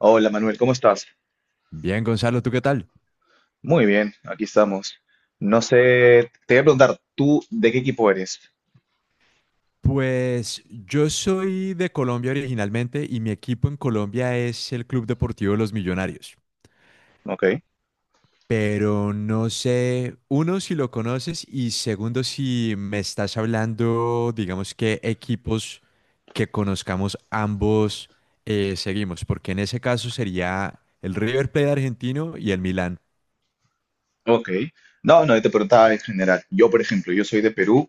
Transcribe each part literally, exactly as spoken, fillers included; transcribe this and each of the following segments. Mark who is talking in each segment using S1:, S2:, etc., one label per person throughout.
S1: Hola Manuel, ¿cómo estás?
S2: Bien, Gonzalo, ¿tú qué tal?
S1: Muy bien, aquí estamos. No sé, te voy a preguntar, ¿tú de qué equipo eres?
S2: Pues yo soy de Colombia originalmente y mi equipo en Colombia es el Club Deportivo Los Millonarios.
S1: Ok,
S2: Pero no sé, uno, si lo conoces y segundo, si me estás hablando, digamos que equipos que conozcamos ambos eh, seguimos, porque en ese caso sería el River Plate argentino y el Milán.
S1: ok. No, no, yo te preguntaba en general. Yo, por ejemplo, yo soy de Perú.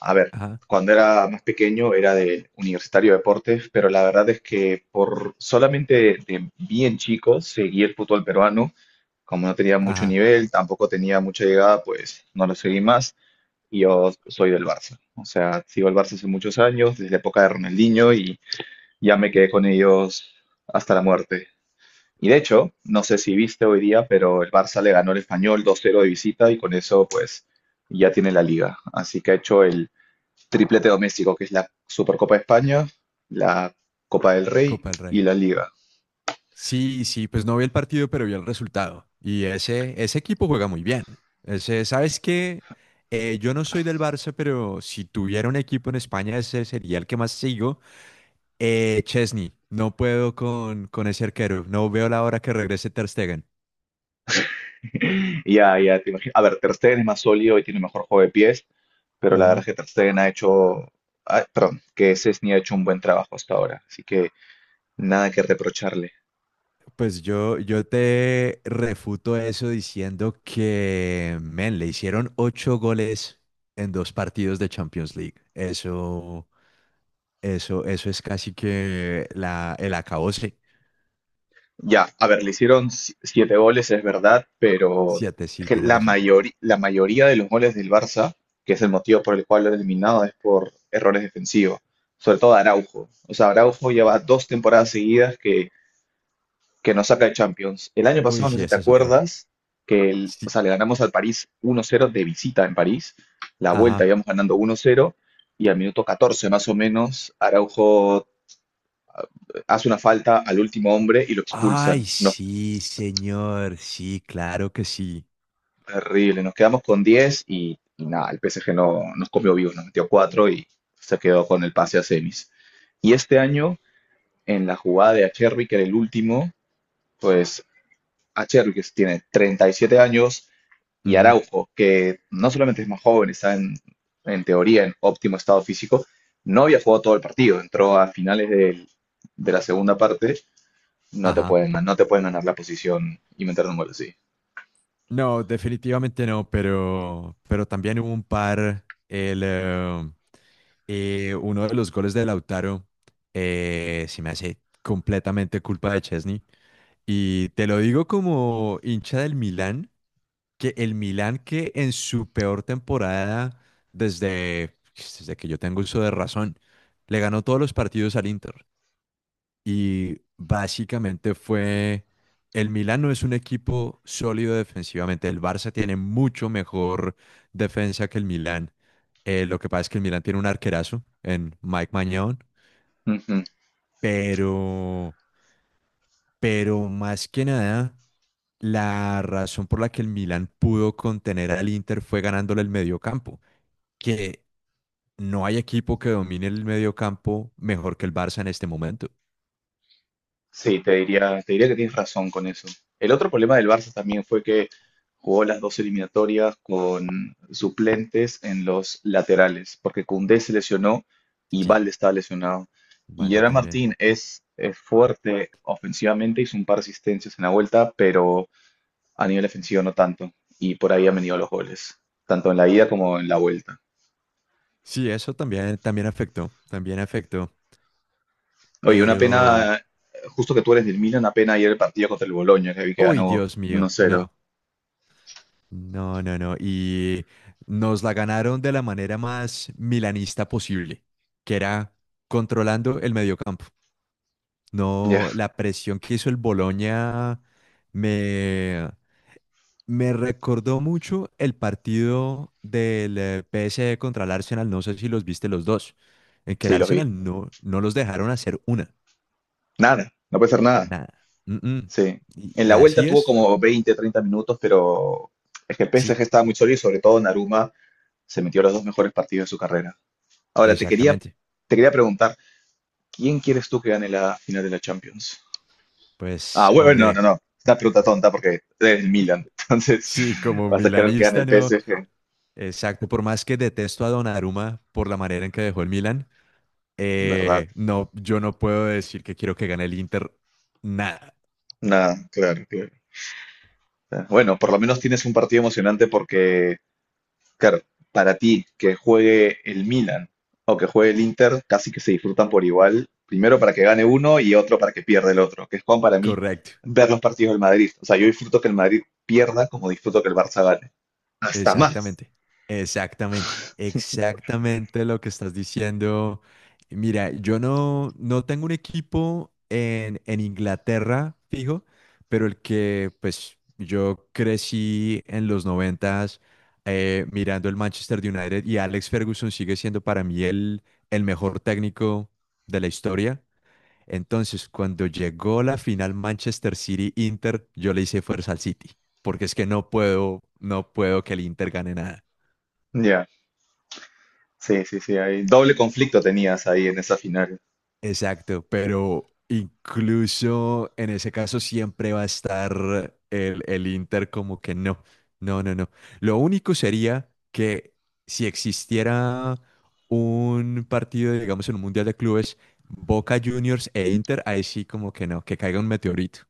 S1: A ver,
S2: Ajá,
S1: cuando era más pequeño era de Universitario de Deportes, pero la verdad es que por solamente de bien chico seguí el fútbol peruano. Como no tenía mucho
S2: ajá,
S1: nivel, tampoco tenía mucha llegada, pues no lo seguí más. Y yo soy del Barça. O sea, sigo el Barça hace muchos años, desde la época de Ronaldinho ya me quedé con ellos hasta la muerte. Y de hecho, no sé si viste hoy día, pero el Barça le ganó al Español dos cero de visita y con eso pues ya tiene la liga. Así que ha hecho el triplete doméstico, que es la Supercopa de España, la Copa del Rey
S2: Copa del
S1: y
S2: Rey.
S1: la liga.
S2: Sí, sí, pues no vi el partido, pero vi el resultado. Y ese, ese equipo juega muy bien. Ese, ¿sabes qué? Eh, yo no soy del Barça, pero si tuviera un equipo en España, ese sería el que más sigo. Eh, Chesney, no puedo con, con ese arquero. No veo la hora que regrese Ter Stegen.
S1: Ya, ya, te imagino. A ver, Ter Stegen es más sólido y tiene mejor juego de pies, pero la verdad
S2: Ujú.
S1: es que Ter Stegen ha hecho, ah, perdón, que Szczęsny ha hecho un buen trabajo hasta ahora. Así que nada que reprocharle.
S2: Pues yo, yo te refuto eso diciendo que, men, le hicieron ocho goles en dos partidos de Champions League. Eso. Eso, eso es casi que la, el acabose.
S1: Ya, a ver, le hicieron si- siete goles, es verdad, pero
S2: Siete,
S1: es
S2: sí,
S1: que
S2: tienes
S1: la
S2: razón.
S1: mayoría, la mayoría de los goles del Barça, que es el motivo por el cual lo han eliminado, es por errores defensivos, sobre todo Araujo. O sea, Araujo lleva dos temporadas seguidas que, que nos saca de Champions. El año
S2: Uy,
S1: pasado, no
S2: sí,
S1: sé si te
S2: ese es otro.
S1: acuerdas, que el-
S2: Sí,
S1: o sea, le ganamos al París uno cero de visita en París, la vuelta
S2: ajá.
S1: íbamos ganando uno cero, y al minuto catorce más o menos, Araujo hace una falta al último hombre y lo
S2: Ay,
S1: expulsan. Nos
S2: sí, señor. Sí, claro que sí.
S1: Terrible, nos quedamos con diez y, y nada, el P S G no nos comió vivos, nos metió cuatro y se quedó con el pase a semis. Y este año, en la jugada de Acherbi, que era el último, pues Acherbi, que tiene treinta y siete años, y
S2: Ujú.
S1: Araujo, que no solamente es más joven, está en, en teoría en óptimo estado físico, no había jugado todo el partido, entró a finales del- de la segunda parte, no te
S2: Ajá.
S1: pueden, no te pueden ganar la posición y meter un gol así.
S2: No, definitivamente no, pero, pero también hubo un par. El, eh, eh, uno de los goles de Lautaro eh, se me hace completamente culpa de Chesney. Y te lo digo como hincha del Milán. Que el Milan, que en su peor temporada, desde, desde que yo tengo uso de razón, le ganó todos los partidos al Inter. Y básicamente fue, el Milan no es un equipo sólido defensivamente. El Barça tiene mucho mejor defensa que el Milan. Eh, lo que pasa es que el Milan tiene un arquerazo en Mike Maignan, pero, pero más que nada... La razón por la que el Milan pudo contener al Inter fue ganándole el mediocampo. Que no hay equipo que domine el medio campo mejor que el Barça en este momento.
S1: Sí, te diría, te diría que tienes razón con eso. El otro problema del Barça también fue que jugó las dos eliminatorias con suplentes en los laterales, porque Koundé se lesionó y
S2: Sí,
S1: Valde estaba lesionado. Y
S2: vale
S1: Gerard
S2: también.
S1: Martín es, es fuerte ofensivamente, hizo un par de asistencias en la vuelta, pero a nivel ofensivo no tanto. Y por ahí han venido los goles, tanto en la ida como en la vuelta.
S2: Sí, eso también, también afectó, también afectó,
S1: Oye, una
S2: pero...
S1: pena, justo que tú eres del Milan, una pena ayer el partido contra el Boloña, que vi que
S2: Uy,
S1: ganó
S2: Dios
S1: uno
S2: mío,
S1: cero.
S2: no, no, no, no. Y nos la ganaron de la manera más milanista posible, que era controlando el mediocampo.
S1: Ya,
S2: No, la presión que hizo el Boloña me... Me recordó mucho el partido del eh, P S G contra el Arsenal, no sé si los viste los dos, en que el
S1: sí, los vi.
S2: Arsenal no, no los dejaron hacer una,
S1: Nada, no puede ser nada.
S2: nada. Mm-mm.
S1: Sí.
S2: Y,
S1: En
S2: y
S1: la vuelta
S2: así
S1: tuvo
S2: es,
S1: como veinte, treinta minutos, pero es que el P S G
S2: sí,
S1: estaba muy sólido y sobre todo Naruma se metió a los dos mejores partidos de su carrera. Ahora, te quería,
S2: exactamente.
S1: te quería preguntar, ¿quién quieres tú que gane la final de la Champions? Ah,
S2: Pues,
S1: bueno, no, no,
S2: hombre,
S1: no. Una pregunta tonta porque eres el Milan. Entonces,
S2: sí, como
S1: vas a querer que gane
S2: milanista,
S1: el
S2: no.
S1: P S G,
S2: Exacto, por más que detesto a Donnarumma por la manera en que dejó el Milan,
S1: ¿verdad?
S2: eh, no, yo no puedo decir que quiero que gane el Inter, nada,
S1: Nada, claro, claro. Bueno, por lo menos tienes un partido emocionante porque, claro, para ti que juegue el Milan o que juegue el Inter, casi que se disfrutan por igual. Primero para que gane uno y otro para que pierda el otro, que es como para mí
S2: correcto.
S1: ver los partidos del Madrid. O sea, yo disfruto que el Madrid pierda como disfruto que el Barça gane. Hasta más.
S2: Exactamente, exactamente, exactamente lo que estás diciendo. Mira, yo no, no tengo un equipo en, en Inglaterra fijo, pero el que pues yo crecí en los noventas eh, mirando el Manchester United, y Alex Ferguson sigue siendo para mí el, el mejor técnico de la historia. Entonces, cuando llegó la final Manchester City Inter, yo le hice fuerza al City, porque es que no puedo, no puedo que el Inter gane nada.
S1: Ya, sí, sí, sí, hay doble conflicto tenías ahí en esa final.
S2: Exacto, pero incluso en ese caso siempre va a estar el, el Inter como que no, no, no, no. Lo único sería que si existiera un partido, digamos, en un Mundial de Clubes, Boca Juniors e Inter, ahí sí como que no, que caiga un meteorito.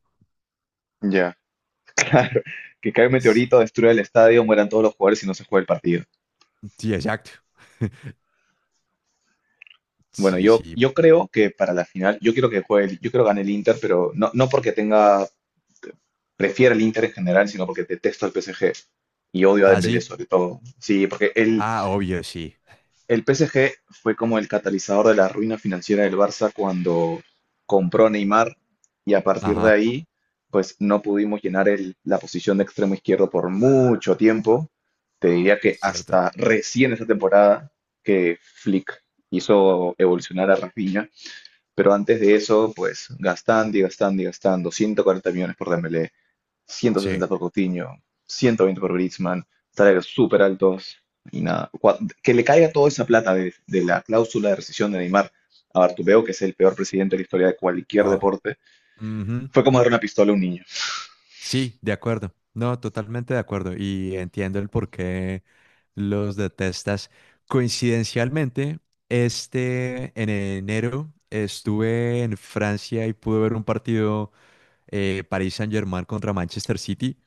S1: Ya, claro, que cae un
S2: Sí,
S1: meteorito, destruya el estadio, mueran todos los jugadores y no se juega el partido.
S2: sí, exacto.
S1: Bueno,
S2: Sí,
S1: yo,
S2: sí.
S1: yo creo que para la final, yo quiero que juegue, el- yo quiero que gane el Inter, pero no, no porque tenga, prefiera el Inter en general, sino porque detesto al P S G y odio a
S2: Ah,
S1: Dembélé
S2: sí.
S1: sobre todo. Sí, porque el,
S2: Ah, obvio, sí.
S1: el P S G fue como el catalizador de la ruina financiera del Barça cuando compró a Neymar y a partir de
S2: Ajá,
S1: ahí, pues no pudimos llenar el- la posición de extremo izquierdo por mucho tiempo. Te diría que
S2: cierto.
S1: hasta recién esta temporada que Flick hizo evolucionar a Rafinha, pero antes de eso, pues gastando y gastando y gastando, ciento cuarenta millones por Dembélé,
S2: Sí.
S1: ciento sesenta por Coutinho, ciento veinte por Griezmann, salarios súper altos y nada. Cua- Que le caiga toda esa plata de, de la cláusula de rescisión de Neymar a Bartomeu, que es el peor presidente de la historia de cualquier
S2: Oh.
S1: deporte,
S2: Ujú.
S1: fue como dar una pistola a un niño.
S2: Sí, de acuerdo. No, totalmente de acuerdo. Y entiendo el por qué los detestas. Coincidencialmente, este en enero estuve en Francia y pude ver un partido eh, París Saint-Germain contra Manchester City,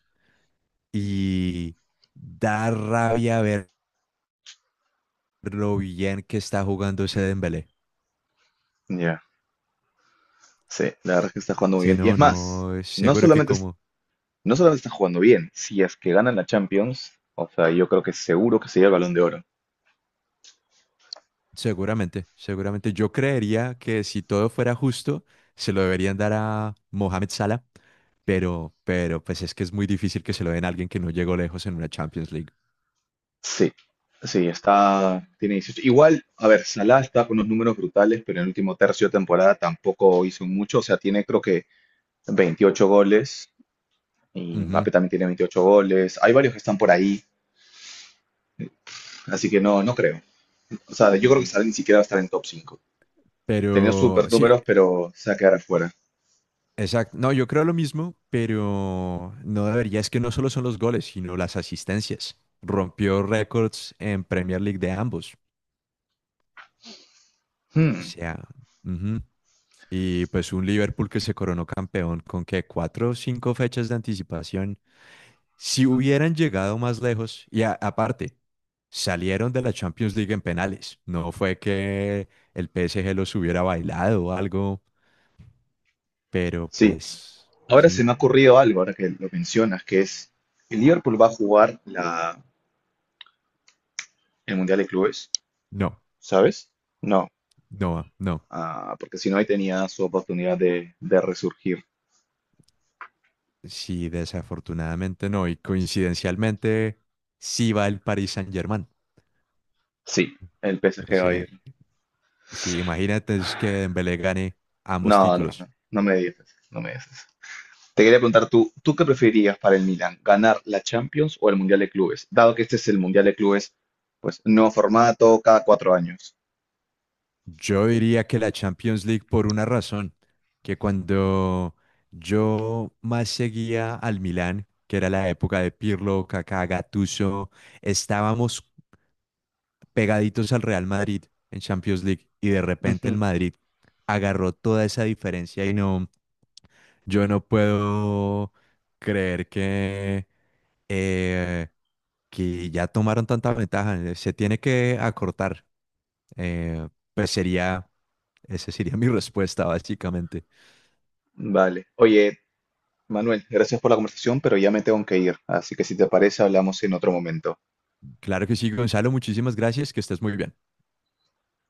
S2: y da rabia ver lo bien que está jugando ese Dembélé.
S1: Ya, sí, la verdad es que está jugando muy
S2: Sí,
S1: bien. Y es
S2: no,
S1: más,
S2: no,
S1: no
S2: seguro que
S1: solamente, es-
S2: como,
S1: no solamente está jugando bien, si es que ganan la Champions, o sea, yo creo que seguro que se lleva el Balón de Oro.
S2: seguramente, seguramente. Yo creería que si todo fuera justo, se lo deberían dar a Mohamed Salah, pero, pero pues es que es muy difícil que se lo den a alguien que no llegó lejos en una Champions League.
S1: Sí, sí, está, tiene dieciocho. Igual, a ver, Salah está con unos números brutales, pero en el último tercio de temporada tampoco hizo mucho. O sea, tiene creo que veintiocho goles y
S2: Ujú.
S1: Mbappé también tiene veintiocho goles. Hay varios que están por ahí, así que no, no creo. O sea, yo creo que Salah ni siquiera va a estar en top cinco. Tenía
S2: Pero
S1: super
S2: sí,
S1: números, pero se va a quedar afuera.
S2: exacto. No, yo creo lo mismo, pero no debería. Es que no solo son los goles, sino las asistencias. Rompió récords en Premier League de ambos. O
S1: Hmm,
S2: sea, ujú. Y pues un Liverpool que se coronó campeón con que cuatro o cinco fechas de anticipación. Si hubieran llegado más lejos, y a- aparte, salieron de la Champions League en penales. No fue que el P S G los hubiera bailado o algo, pero
S1: sí.
S2: pues
S1: Ahora
S2: sí,
S1: se me ha ocurrido algo, ahora que lo mencionas, que es, el Liverpool va a jugar la, el Mundial de Clubes,
S2: no,
S1: ¿sabes? No.
S2: no, no.
S1: Ah, porque si no, ahí tenía su oportunidad de, de resurgir.
S2: Sí, desafortunadamente no. Y coincidencialmente, sí va el Paris Saint-Germain.
S1: Sí, el
S2: O
S1: P S G va a ir.
S2: sea, sí, imagínate es que Dembélé gane ambos
S1: No, no, no,
S2: títulos.
S1: no me digas eso, no me digas eso. Te quería preguntar tú, ¿tú qué preferirías para el Milan? ¿Ganar la Champions o el Mundial de Clubes? Dado que este es el Mundial de Clubes, pues nuevo formato cada cuatro años.
S2: Yo diría que la Champions League por una razón, que cuando yo más seguía al Milán, que era la época de Pirlo, Kaká, Gattuso, estábamos pegaditos al Real Madrid en Champions League, y de repente el
S1: Ujú,
S2: Madrid agarró toda esa diferencia y no, yo no puedo creer que, eh, que ya tomaron tanta ventaja, se tiene que acortar. Eh, pues sería, esa sería mi respuesta, básicamente.
S1: vale. Oye, Manuel, gracias por la conversación, pero ya me tengo que ir. Así que si te parece, hablamos en otro momento.
S2: Claro que sí, Gonzalo, muchísimas gracias, que estés muy bien.